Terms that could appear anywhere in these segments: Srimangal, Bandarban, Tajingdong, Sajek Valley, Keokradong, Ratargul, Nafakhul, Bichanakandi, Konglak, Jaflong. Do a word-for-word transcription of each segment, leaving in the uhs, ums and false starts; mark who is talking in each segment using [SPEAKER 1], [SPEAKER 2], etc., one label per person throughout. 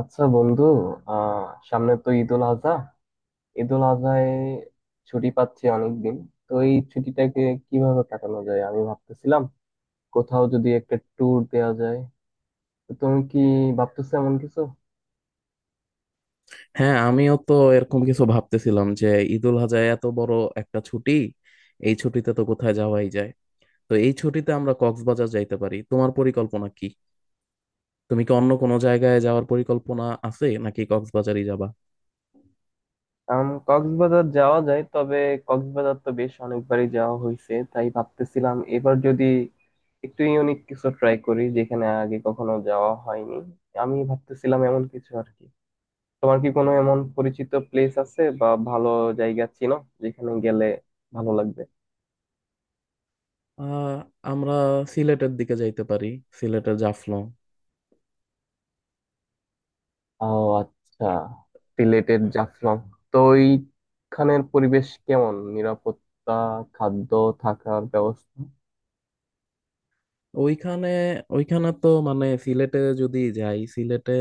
[SPEAKER 1] আচ্ছা বন্ধু। আহ সামনে তো ঈদুল আজহা। ঈদুল আজহায় ছুটি পাচ্ছি অনেকদিন। তো এই ছুটিটাকে কিভাবে কাটানো যায় আমি ভাবতেছিলাম, কোথাও যদি একটা ট্যুর দেওয়া যায়। তো তুমি কি ভাবতেছো এমন কিছু?
[SPEAKER 2] হ্যাঁ, আমিও তো এরকম কিছু ভাবতেছিলাম যে ঈদুল আজহা এত বড় একটা ছুটি। এই ছুটিতে তো কোথায় যাওয়াই যায়। তো এই ছুটিতে আমরা কক্সবাজার যাইতে পারি। তোমার পরিকল্পনা কি? তুমি কি অন্য কোনো জায়গায় যাওয়ার পরিকল্পনা আছে নাকি কক্সবাজারই যাবা?
[SPEAKER 1] আম, কক্সবাজার যাওয়া যায়, তবে কক্সবাজার তো বেশ অনেকবারই যাওয়া হয়েছে, তাই ভাবতেছিলাম এবার যদি একটু ইউনিক কিছু ট্রাই করি, যেখানে আগে কখনো যাওয়া হয়নি। আমি ভাবতেছিলাম এমন কিছু আর কি। তোমার কি কোনো এমন পরিচিত প্লেস আছে বা ভালো জায়গা চিনো, যেখানে গেলে ভালো লাগবে?
[SPEAKER 2] আহ আমরা সিলেটের দিকে যাইতে পারি, সিলেটের জাফলং।
[SPEAKER 1] ও আচ্ছা, সিলেটের জাফলং। তো ওইখানের পরিবেশ কেমন, নিরাপত্তা, খাদ্য, থাকার ব্যবস্থা?
[SPEAKER 2] ওইখানে ওইখানে তো মানে সিলেটে যদি যাই, সিলেটে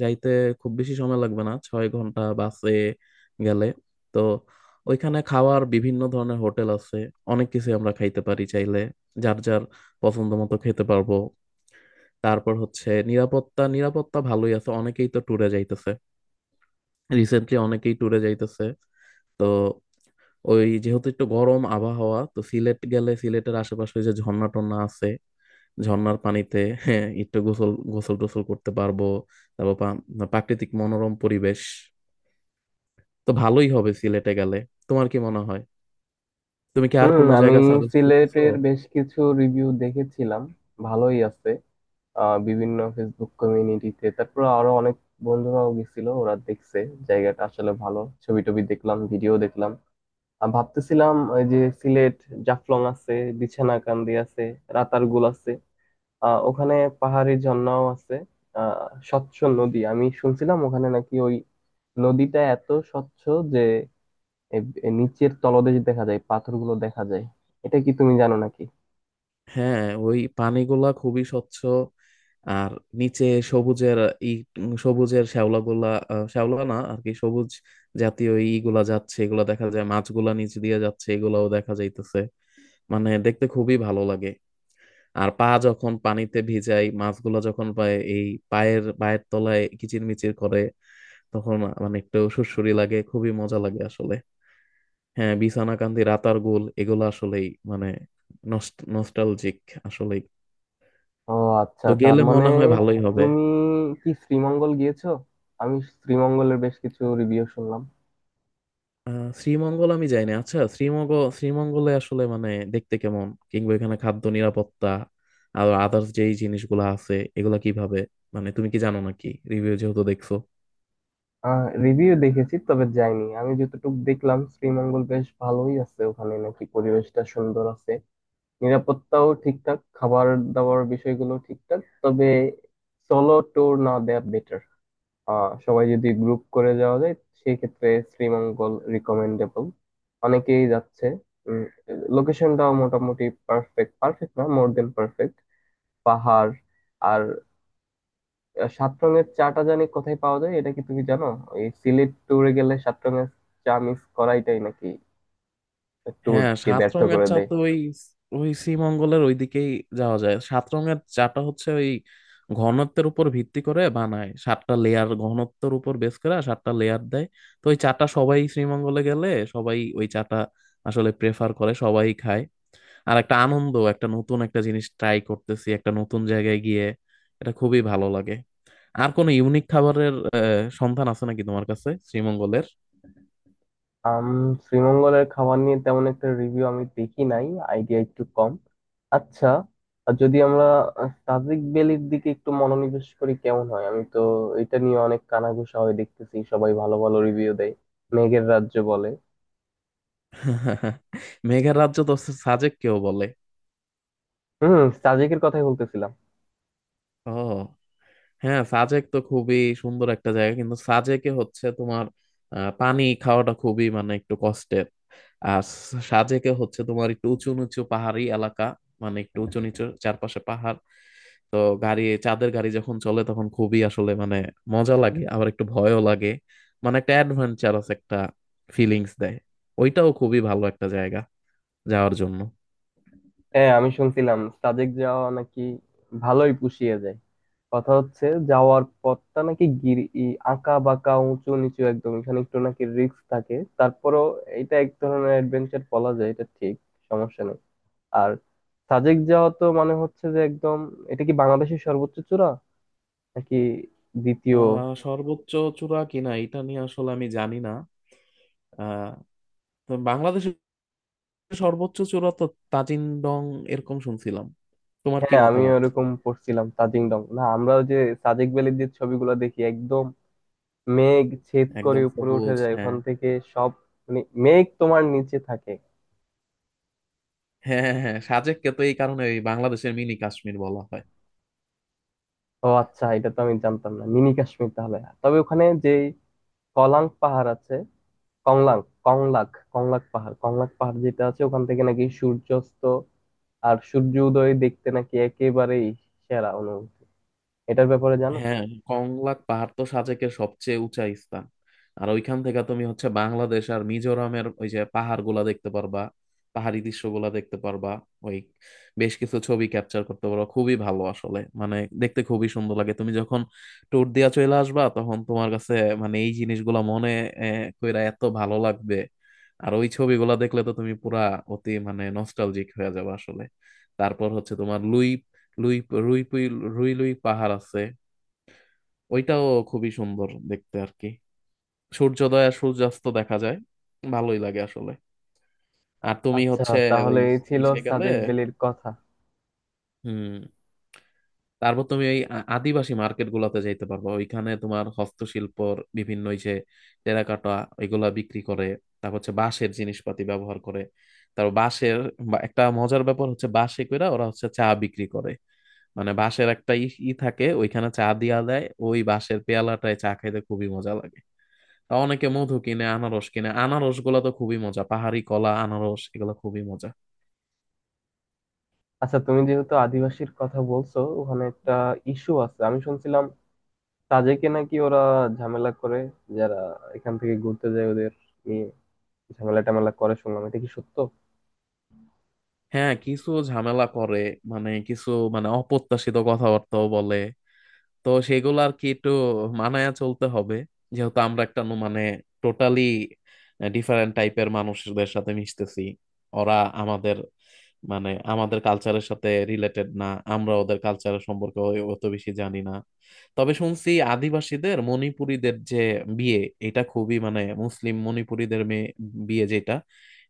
[SPEAKER 2] যাইতে খুব বেশি সময় লাগবে না, ছয় ঘন্টা বাসে গেলে। তো ওইখানে খাওয়ার বিভিন্ন ধরনের হোটেল আছে, অনেক কিছু আমরা খাইতে পারি। চাইলে যার যার পছন্দ মতো খেতে পারবো। তারপর হচ্ছে নিরাপত্তা। নিরাপত্তা ভালোই আছে, অনেকেই তো ট্যুরে যাইতেছে, রিসেন্টলি অনেকেই ট্যুরে যাইতেছে। তো ওই, যেহেতু একটু গরম আবহাওয়া, তো সিলেট গেলে সিলেটের আশেপাশে যে ঝর্ণা টর্ণা আছে, ঝর্ণার পানিতে, হ্যাঁ, একটু গোসল গোসল টোসল করতে পারবো। তারপর পা- প্রাকৃতিক মনোরম পরিবেশ, তো ভালোই হবে সিলেটে গেলে। তোমার কি মনে হয়? তুমি কি আর
[SPEAKER 1] হুম,
[SPEAKER 2] কোনো
[SPEAKER 1] আমি
[SPEAKER 2] জায়গা সাজেস্ট করতেছো?
[SPEAKER 1] সিলেটের বেশ কিছু রিভিউ দেখেছিলাম, ভালোই আছে। আহ বিভিন্ন ফেসবুক কমিউনিটিতে, তারপর আরো অনেক বন্ধুরাও গেছিল, ওরা দেখছে জায়গাটা আসলে ভালো। ছবি টবি দেখলাম, ভিডিও দেখলাম। আর ভাবতেছিলাম, ওই যে সিলেট, জাফলং আছে, বিছানাকান্দি আছে, রাতারগুল আছে, আহ ওখানে পাহাড়ি ঝর্ণাও আছে। আহ স্বচ্ছ নদী আমি শুনছিলাম ওখানে, নাকি ওই নদীটা এত স্বচ্ছ যে এ- এ নিচের তলদেশ দেখা যায়, পাথরগুলো দেখা যায়। এটা কি তুমি জানো নাকি?
[SPEAKER 2] হ্যাঁ, ওই পানিগুলা খুবই স্বচ্ছ। আর নিচে সবুজের ই উম, সবুজের শ্যাওলাগুলা, আহ, শ্যাওলা না আর কি, সবুজ জাতীয় ইগুলা যাচ্ছে, এগুলা দেখা যায়, মাছগুলা নিচ দিয়ে যাচ্ছে, এগুলাও দেখা যাইতেছে। মানে দেখতে খুবই ভালো লাগে। আর পা যখন পানিতে ভিজাই, মাছগুলো যখন পায় এই পায়ের পায়ের তলায় কিচিরমিচির করে, তখন মানে একটু সুড়সুড়ি লাগে, খুবই মজা লাগে আসলে। হ্যাঁ, বিছানাকান্দি, রাতার গোল, এগুলো আসলেই মানে নস্টালজিক আসলেই।
[SPEAKER 1] ও আচ্ছা,
[SPEAKER 2] তো
[SPEAKER 1] তার
[SPEAKER 2] গেলে
[SPEAKER 1] মানে
[SPEAKER 2] মনে হয় ভালোই হবে।
[SPEAKER 1] তুমি কি শ্রীমঙ্গল গিয়েছো? আমি শ্রীমঙ্গলের বেশ কিছু রিভিউ শুনলাম।
[SPEAKER 2] আহ শ্রীমঙ্গল আমি যাইনি। আচ্ছা, শ্রীমঙ্গল, শ্রীমঙ্গলে আসলে মানে দেখতে কেমন, কিংবা এখানে খাদ্য, নিরাপত্তা আর আদার্স যেই জিনিসগুলো আছে, এগুলা কিভাবে, মানে তুমি কি জানো নাকি? রিভিউ যেহেতু দেখছো।
[SPEAKER 1] আহ রিভিউ দেখেছি, তবে যাইনি। আমি যতটুকু দেখলাম, শ্রীমঙ্গল বেশ ভালোই আছে, ওখানে নাকি পরিবেশটা সুন্দর আছে, নিরাপত্তাও ঠিকঠাক, খাবার দাবার বিষয়গুলো ঠিকঠাক। তবে সোলো ট্যুর না দেয়া বেটার। আহ সবাই যদি গ্রুপ করে যাওয়া যায়, সেই ক্ষেত্রে শ্রীমঙ্গল রিকমেন্ডেবল, অনেকেই যাচ্ছে। উম লোকেশনটাও মোটামুটি পারফেক্ট, পারফেক্ট না, মোর দেন পারফেক্ট। পাহাড়, আর আহ, সাত রঙের চাটা জানি কোথায় পাওয়া যায়, এটা কি তুমি জানো? এই সিলেট ট্যুরে গেলে সাত রঙের চা মিস করাইটাই নাকি ট্যুর
[SPEAKER 2] হ্যাঁ,
[SPEAKER 1] কে
[SPEAKER 2] সাত
[SPEAKER 1] ব্যর্থ
[SPEAKER 2] রঙের
[SPEAKER 1] করে
[SPEAKER 2] চা
[SPEAKER 1] দেয়।
[SPEAKER 2] তো ওই ওই শ্রীমঙ্গলের ওইদিকেই যাওয়া যায়। সাত রঙের চাটা হচ্ছে ওই ঘনত্বের উপর ভিত্তি করে বানায় সাতটা লেয়ার, ঘনত্বের উপর বেস করে আর সাতটা লেয়ার দেয়। তো ওই চাটা সবাই শ্রীমঙ্গলে গেলে, সবাই ওই চাটা আসলে প্রেফার করে, সবাই খায়। আর একটা আনন্দ, একটা নতুন একটা জিনিস ট্রাই করতেছি একটা নতুন জায়গায় গিয়ে, এটা খুবই ভালো লাগে। আর কোনো ইউনিক খাবারের আহ, সন্ধান আছে নাকি তোমার কাছে শ্রীমঙ্গলের?
[SPEAKER 1] আম শ্রীমঙ্গলের খাবার নিয়ে তেমন একটা রিভিউ আমি দেখি নাই, আইডিয়া একটু কম। আচ্ছা, আর যদি আমরা আহ, সাজেক ভ্যালির দিকে একটু মনোনিবেশ করি, কেমন হয়? আমি তো এটা নিয়ে অনেক কানাঘুষা হয় দেখতেছি, সবাই ভালো ভালো রিভিউ দেয়, মেঘের রাজ্য বলে।
[SPEAKER 2] মেঘের রাজ্য তো সাজেক কেউ বলে।
[SPEAKER 1] হুম, সাজেকের কথাই বলতেছিলাম।
[SPEAKER 2] ও, হ্যাঁ, সাজেক তো খুবই সুন্দর একটা জায়গা, কিন্তু সাজেকে হচ্ছে তোমার আহ, পানি খাওয়াটা খুবই মানে একটু কষ্টের। আর সাজেকে হচ্ছে তোমার একটু উঁচু নিচু পাহাড়ি এলাকা, মানে একটু উঁচু নিচু চারপাশে পাহাড়। তো গাড়ি চাঁদের গাড়ি যখন চলে তখন খুবই আসলে মানে মজা লাগে, আবার একটু ভয়ও লাগে। মানে একটা অ্যাডভেঞ্চারাস একটা ফিলিংস দেয়। ওইটাও খুবই ভালো একটা জায়গা যাওয়ার জন্য।
[SPEAKER 1] হ্যাঁ, আমি শুনছিলাম সাজেক যাওয়া নাকি ভালোই পুষিয়ে যায়। কথা হচ্ছে, যাওয়ার পথটা নাকি গিরি ই- আঁকা বাঁকা উঁচু নিচু, একদম এখানে একটু নাকি রিস্ক থাকে। তারপরও এটা এক ধরনের অ্যাডভেঞ্চার বলা যায়, এটা ঠিক, সমস্যা নেই। আর সাজেক যাওয়া তো মানে হচ্ছে যে একদম, এটা কি বাংলাদেশের সর্বোচ্চ চূড়া নাকি দ্বিতীয়?
[SPEAKER 2] আহ সর্বোচ্চ চূড়া কিনা এটা নিয়ে আসলে আমি জানি না। আহ তো বাংলাদেশে সর্বোচ্চ চূড়া তো তাজিন ডং, এরকম শুনছিলাম। তোমার কি
[SPEAKER 1] হ্যাঁ, আমি
[SPEAKER 2] মতামত?
[SPEAKER 1] ওরকম পড়ছিলাম তাজিংডং না। আমরা ওই যে সাজেক ভ্যালির যে ছবিগুলো দেখি, একদম মেঘ ছেদ করে
[SPEAKER 2] একদম
[SPEAKER 1] উপরে উঠে
[SPEAKER 2] সবুজ,
[SPEAKER 1] যায়, ওখান
[SPEAKER 2] হ্যাঁ।
[SPEAKER 1] থেকে সব, মানে মেঘ তোমার নিচে থাকে।
[SPEAKER 2] হ্যাঁ, হ্যাঁ, হ্যাঁ, সাজেককে তো এই কারণে ওই বাংলাদেশের মিনি কাশ্মীর বলা হয়।
[SPEAKER 1] ও আচ্ছা, এটা তো আমি জানতাম না, মিনি কাশ্মীর তাহলে। তবে ওখানে যে কলাং পাহাড় আছে কংলাং কংলাক কংলাক পাহাড় কংলাক পাহাড় যেটা আছে, ওখান থেকে নাকি সূর্যাস্ত আর সূর্য উদয় দেখতে নাকি একেবারেই সেরা অনুভূতি। এটার ব্যাপারে জানো?
[SPEAKER 2] হ্যাঁ, কংলাক পাহাড় তো সাজেকের সবচেয়ে উঁচা স্থান। আর ওইখান থেকে তুমি হচ্ছে বাংলাদেশ আর মিজোরামের ওই যে পাহাড় গুলা দেখতে পারবা, পাহাড়ি দৃশ্যগুলা দেখতে পারবা। ওই বেশ কিছু ছবি ক্যাপচার করতে পারবা, খুবই ভালো আসলে মানে দেখতে খুবই সুন্দর লাগে। তুমি যখন ট্যুর দিয়া চলে আসবা, তখন তোমার কাছে মানে এই জিনিসগুলা মনে আহ, কইরা এত ভালো লাগবে। আর ওই ছবিগুলা দেখলে তো তুমি পুরা অতি মানে নস্টালজিক হয়ে যাবে আসলে। তারপর হচ্ছে তোমার লুই লুই রুই পুই- রুই লুই পাহাড় আছে। ওইটাও খুবই সুন্দর দেখতে আর কি। সূর্যোদয় আর সূর্যাস্ত দেখা যায়, ভালোই লাগে আসলে। আর তুমি
[SPEAKER 1] আচ্ছা,
[SPEAKER 2] হচ্ছে ওই
[SPEAKER 1] তাহলে এই ছিল
[SPEAKER 2] ইসে গেলে।
[SPEAKER 1] সাজেক ভ্যালির কথা।
[SPEAKER 2] হুম। তারপর তুমি ওই আ- আদিবাসী মার্কেট গুলাতে যাইতে পারবা। ওইখানে তোমার হস্তশিল্পর বিভিন্ন ওই যে টেরাকোটা, এগুলা বিক্রি করে। তারপর হচ্ছে বাঁশের জিনিসপাতি ব্যবহার করে। তারপর বাঁশের বা একটা মজার ব্যাপার হচ্ছে, বাঁশে কইরা ওরা হচ্ছে চা বিক্রি করে। মানে বাঁশের একটা ই ই থাকে, ওইখানে চা দিয়া দেয়। ওই বাঁশের পেয়ালাটায় চা খাইতে খুবই মজা লাগে। অনেকে মধু কিনে, আনারস কিনে। আনারস গুলা তো খুবই মজা, পাহাড়ি কলা, আনারস, এগুলা খুবই মজা।
[SPEAKER 1] আচ্ছা, তুমি যেহেতু আদিবাসীর কথা বলছো, ওখানে একটা ইস্যু আছে, আমি শুনছিলাম তাজেকে নাকি ওরা ঝামেলা করে, যারা এখান থেকে ঘুরতে যায় ওদের নিয়ে ঝামেলা টামেলা করে, শুনলাম। এটা কি সত্য?
[SPEAKER 2] হ্যাঁ, কিছু ঝামেলা করে, মানে কিছু মানে অপ্রত্যাশিত কথাবার্তাও বলে। তো সেগুলো আর কি একটু মানায়া চলতে হবে, যেহেতু আমরা একটা ন- মানে টোটালি ডিফারেন্ট টাইপের মানুষদের সাথে মিশতেছি। ওরা আমাদের মানে আমাদের কালচারের সাথে রিলেটেড না। আমরা ওদের কালচারের সম্পর্কে অ- অত বেশি জানি না। তবে শুনছি আদিবাসীদের মণিপুরীদের যে বিয়ে, এটা খুবই মানে মুসলিম মণিপুরীদের মেয়ে বিয়ে যেটা,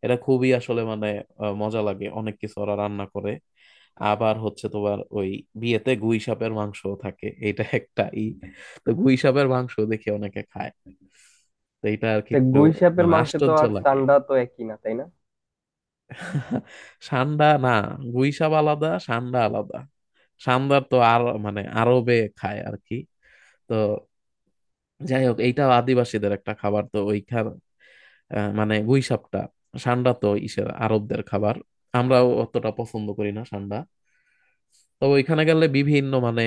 [SPEAKER 2] এটা খুবই আসলে মানে আহ, মজা লাগে। অনেক কিছু ওরা রান্না করে। আবার হচ্ছে তোমার ওই বিয়েতে গুই সাপের মাংসও থাকে, এটা একটা ই তো গুই সাপের মাংস দেখে অনেকে খায়। তো এটা আর কি
[SPEAKER 1] তা
[SPEAKER 2] একটু
[SPEAKER 1] গুই সাপের
[SPEAKER 2] মানে
[SPEAKER 1] মাংস তো
[SPEAKER 2] আশ্চর্য
[SPEAKER 1] আর
[SPEAKER 2] লাগে।
[SPEAKER 1] চান্ডা তো একই না, তাই না?
[SPEAKER 2] সান্ডা না, গুই সাপ আলাদা, সান্ডা আলাদা। সান্দার তো আর মানে আরবে খায় আর কি। তো যাই হোক, এইটা আদিবাসীদের একটা খাবার, তো ওইখান আহ, মানে গুই সাপটা। সান্ডা তো ইসের আরবদের খাবার। আমরাও অতটা পছন্দ করি না সান্ডা। তবে ওইখানে গেলে বিভিন্ন মানে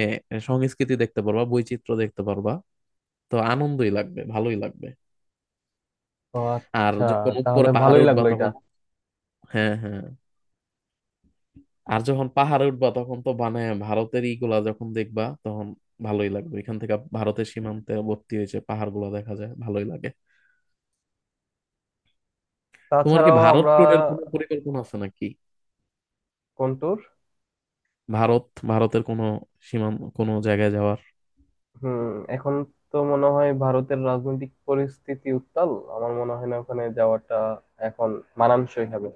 [SPEAKER 2] সংস্কৃতি দেখতে পারবা, বৈচিত্র্য দেখতে পারবা। তো আনন্দই লাগবে, ভালোই লাগবে।
[SPEAKER 1] ও
[SPEAKER 2] আর
[SPEAKER 1] আচ্ছা,
[SPEAKER 2] যখন
[SPEAKER 1] তাহলে
[SPEAKER 2] উপরে পাহাড়ে
[SPEAKER 1] ভালোই
[SPEAKER 2] উঠবা
[SPEAKER 1] লাগলো এটা।
[SPEAKER 2] তখন, হ্যাঁ, হ্যাঁ, আর যখন পাহাড়ে উঠবা তখন তো মানে ভারতের ইগুলা যখন দেখবা তখন ভালোই লাগবে। এখান থেকে ভারতের সীমান্তে ভর্তি হয়েছে, পাহাড়গুলো দেখা যায়, ভালোই লাগে। তোমার কি
[SPEAKER 1] তাছাড়াও আমরা
[SPEAKER 2] ভারত ট্যুরের কোনো পরিকল্পনা আছে নাকি?
[SPEAKER 1] কোন tour?
[SPEAKER 2] ভারত ভারতের কোনো সীমান্ত কোনো জায়গায় যাওয়ার?
[SPEAKER 1] হুম, এখন তো মনে হয় ভারতের রাজনৈতিক পরিস্থিতি উত্তাল, আমার মনে হয় না ওখানে যাওয়াটা এখন মানানসই হবে।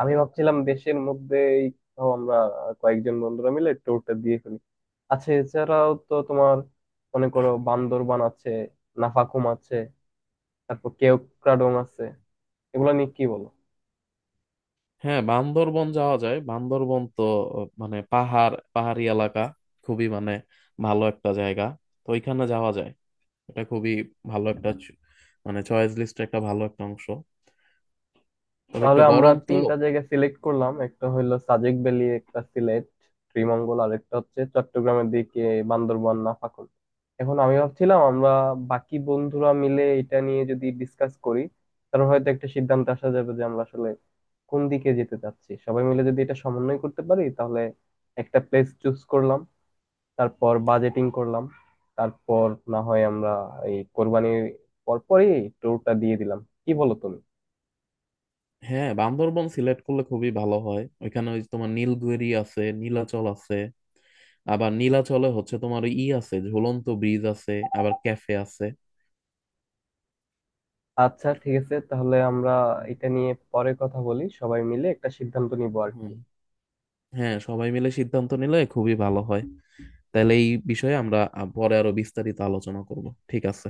[SPEAKER 1] আমি ভাবছিলাম দেশের মধ্যেই কোথাও আমরা কয়েকজন বন্ধুরা মিলে ট্যুরটা দিয়ে ফেলি। আচ্ছা, এছাড়াও তো তোমার, মনে করো, বান্দরবান আছে, নাফাকুম আছে, তারপর কেওক্রাডং আছে, এগুলো নিয়ে কি বলো?
[SPEAKER 2] হ্যাঁ, বান্দরবন যাওয়া যায়। বান্দরবন তো মানে পাহাড় পাহাড়ি এলাকা, খুবই মানে ভালো একটা জায়গা। তো ওইখানে যাওয়া যায়। এটা খুবই ভালো একটা চ- মানে চয়েস লিস্টের একটা ভালো একটা অংশ। তবে
[SPEAKER 1] তাহলে
[SPEAKER 2] একটু
[SPEAKER 1] আমরা
[SPEAKER 2] গরম তো।
[SPEAKER 1] তিনটা জায়গা সিলেক্ট করলাম, একটা হইলো সাজেক ভ্যালি, একটা সিলেট শ্রীমঙ্গল, আর একটা হচ্ছে চট্টগ্রামের দিকে বান্দরবান নাফাখুল। এখন আমি ভাবছিলাম আমরা বাকি বন্ধুরা মিলে এটা নিয়ে যদি ডিসকাস করি, তাহলে হয়তো একটা সিদ্ধান্তে আসা যাবে যে আমরা আসলে কোন দিকে যেতে চাচ্ছি। সবাই মিলে যদি এটা সমন্বয় করতে পারি, তাহলে একটা প্লেস চুজ করলাম, তারপর বাজেটিং করলাম, তারপর না হয় আমরা এই কোরবানির পরপরই ট্যুরটা দিয়ে দিলাম। কি বলো তুমি?
[SPEAKER 2] হ্যাঁ, বান্দরবন সিলেক্ট করলে খুবই ভালো হয়। ওইখানে ওই যে তোমার নীলগিরি আছে, নীলাচল আছে। আবার নীলাচলে হচ্ছে তোমার ওই ই আছে, ঝুলন্ত ব্রিজ আছে, আবার ক্যাফে আছে।
[SPEAKER 1] আচ্ছা, ঠিক আছে, তাহলে আমরা
[SPEAKER 2] হুম।
[SPEAKER 1] এটা নিয়ে পরে কথা বলি, সবাই মিলে একটা সিদ্ধান্ত নিবো আর কি।
[SPEAKER 2] হুম। হ্যাঁ, সবাই মিলে সিদ্ধান্ত নিলে খুবই ভালো হয়। তাহলে এই বিষয়ে আমরা আ- পরে আরো বিস্তারিত আলোচনা করব। ঠিক আছে।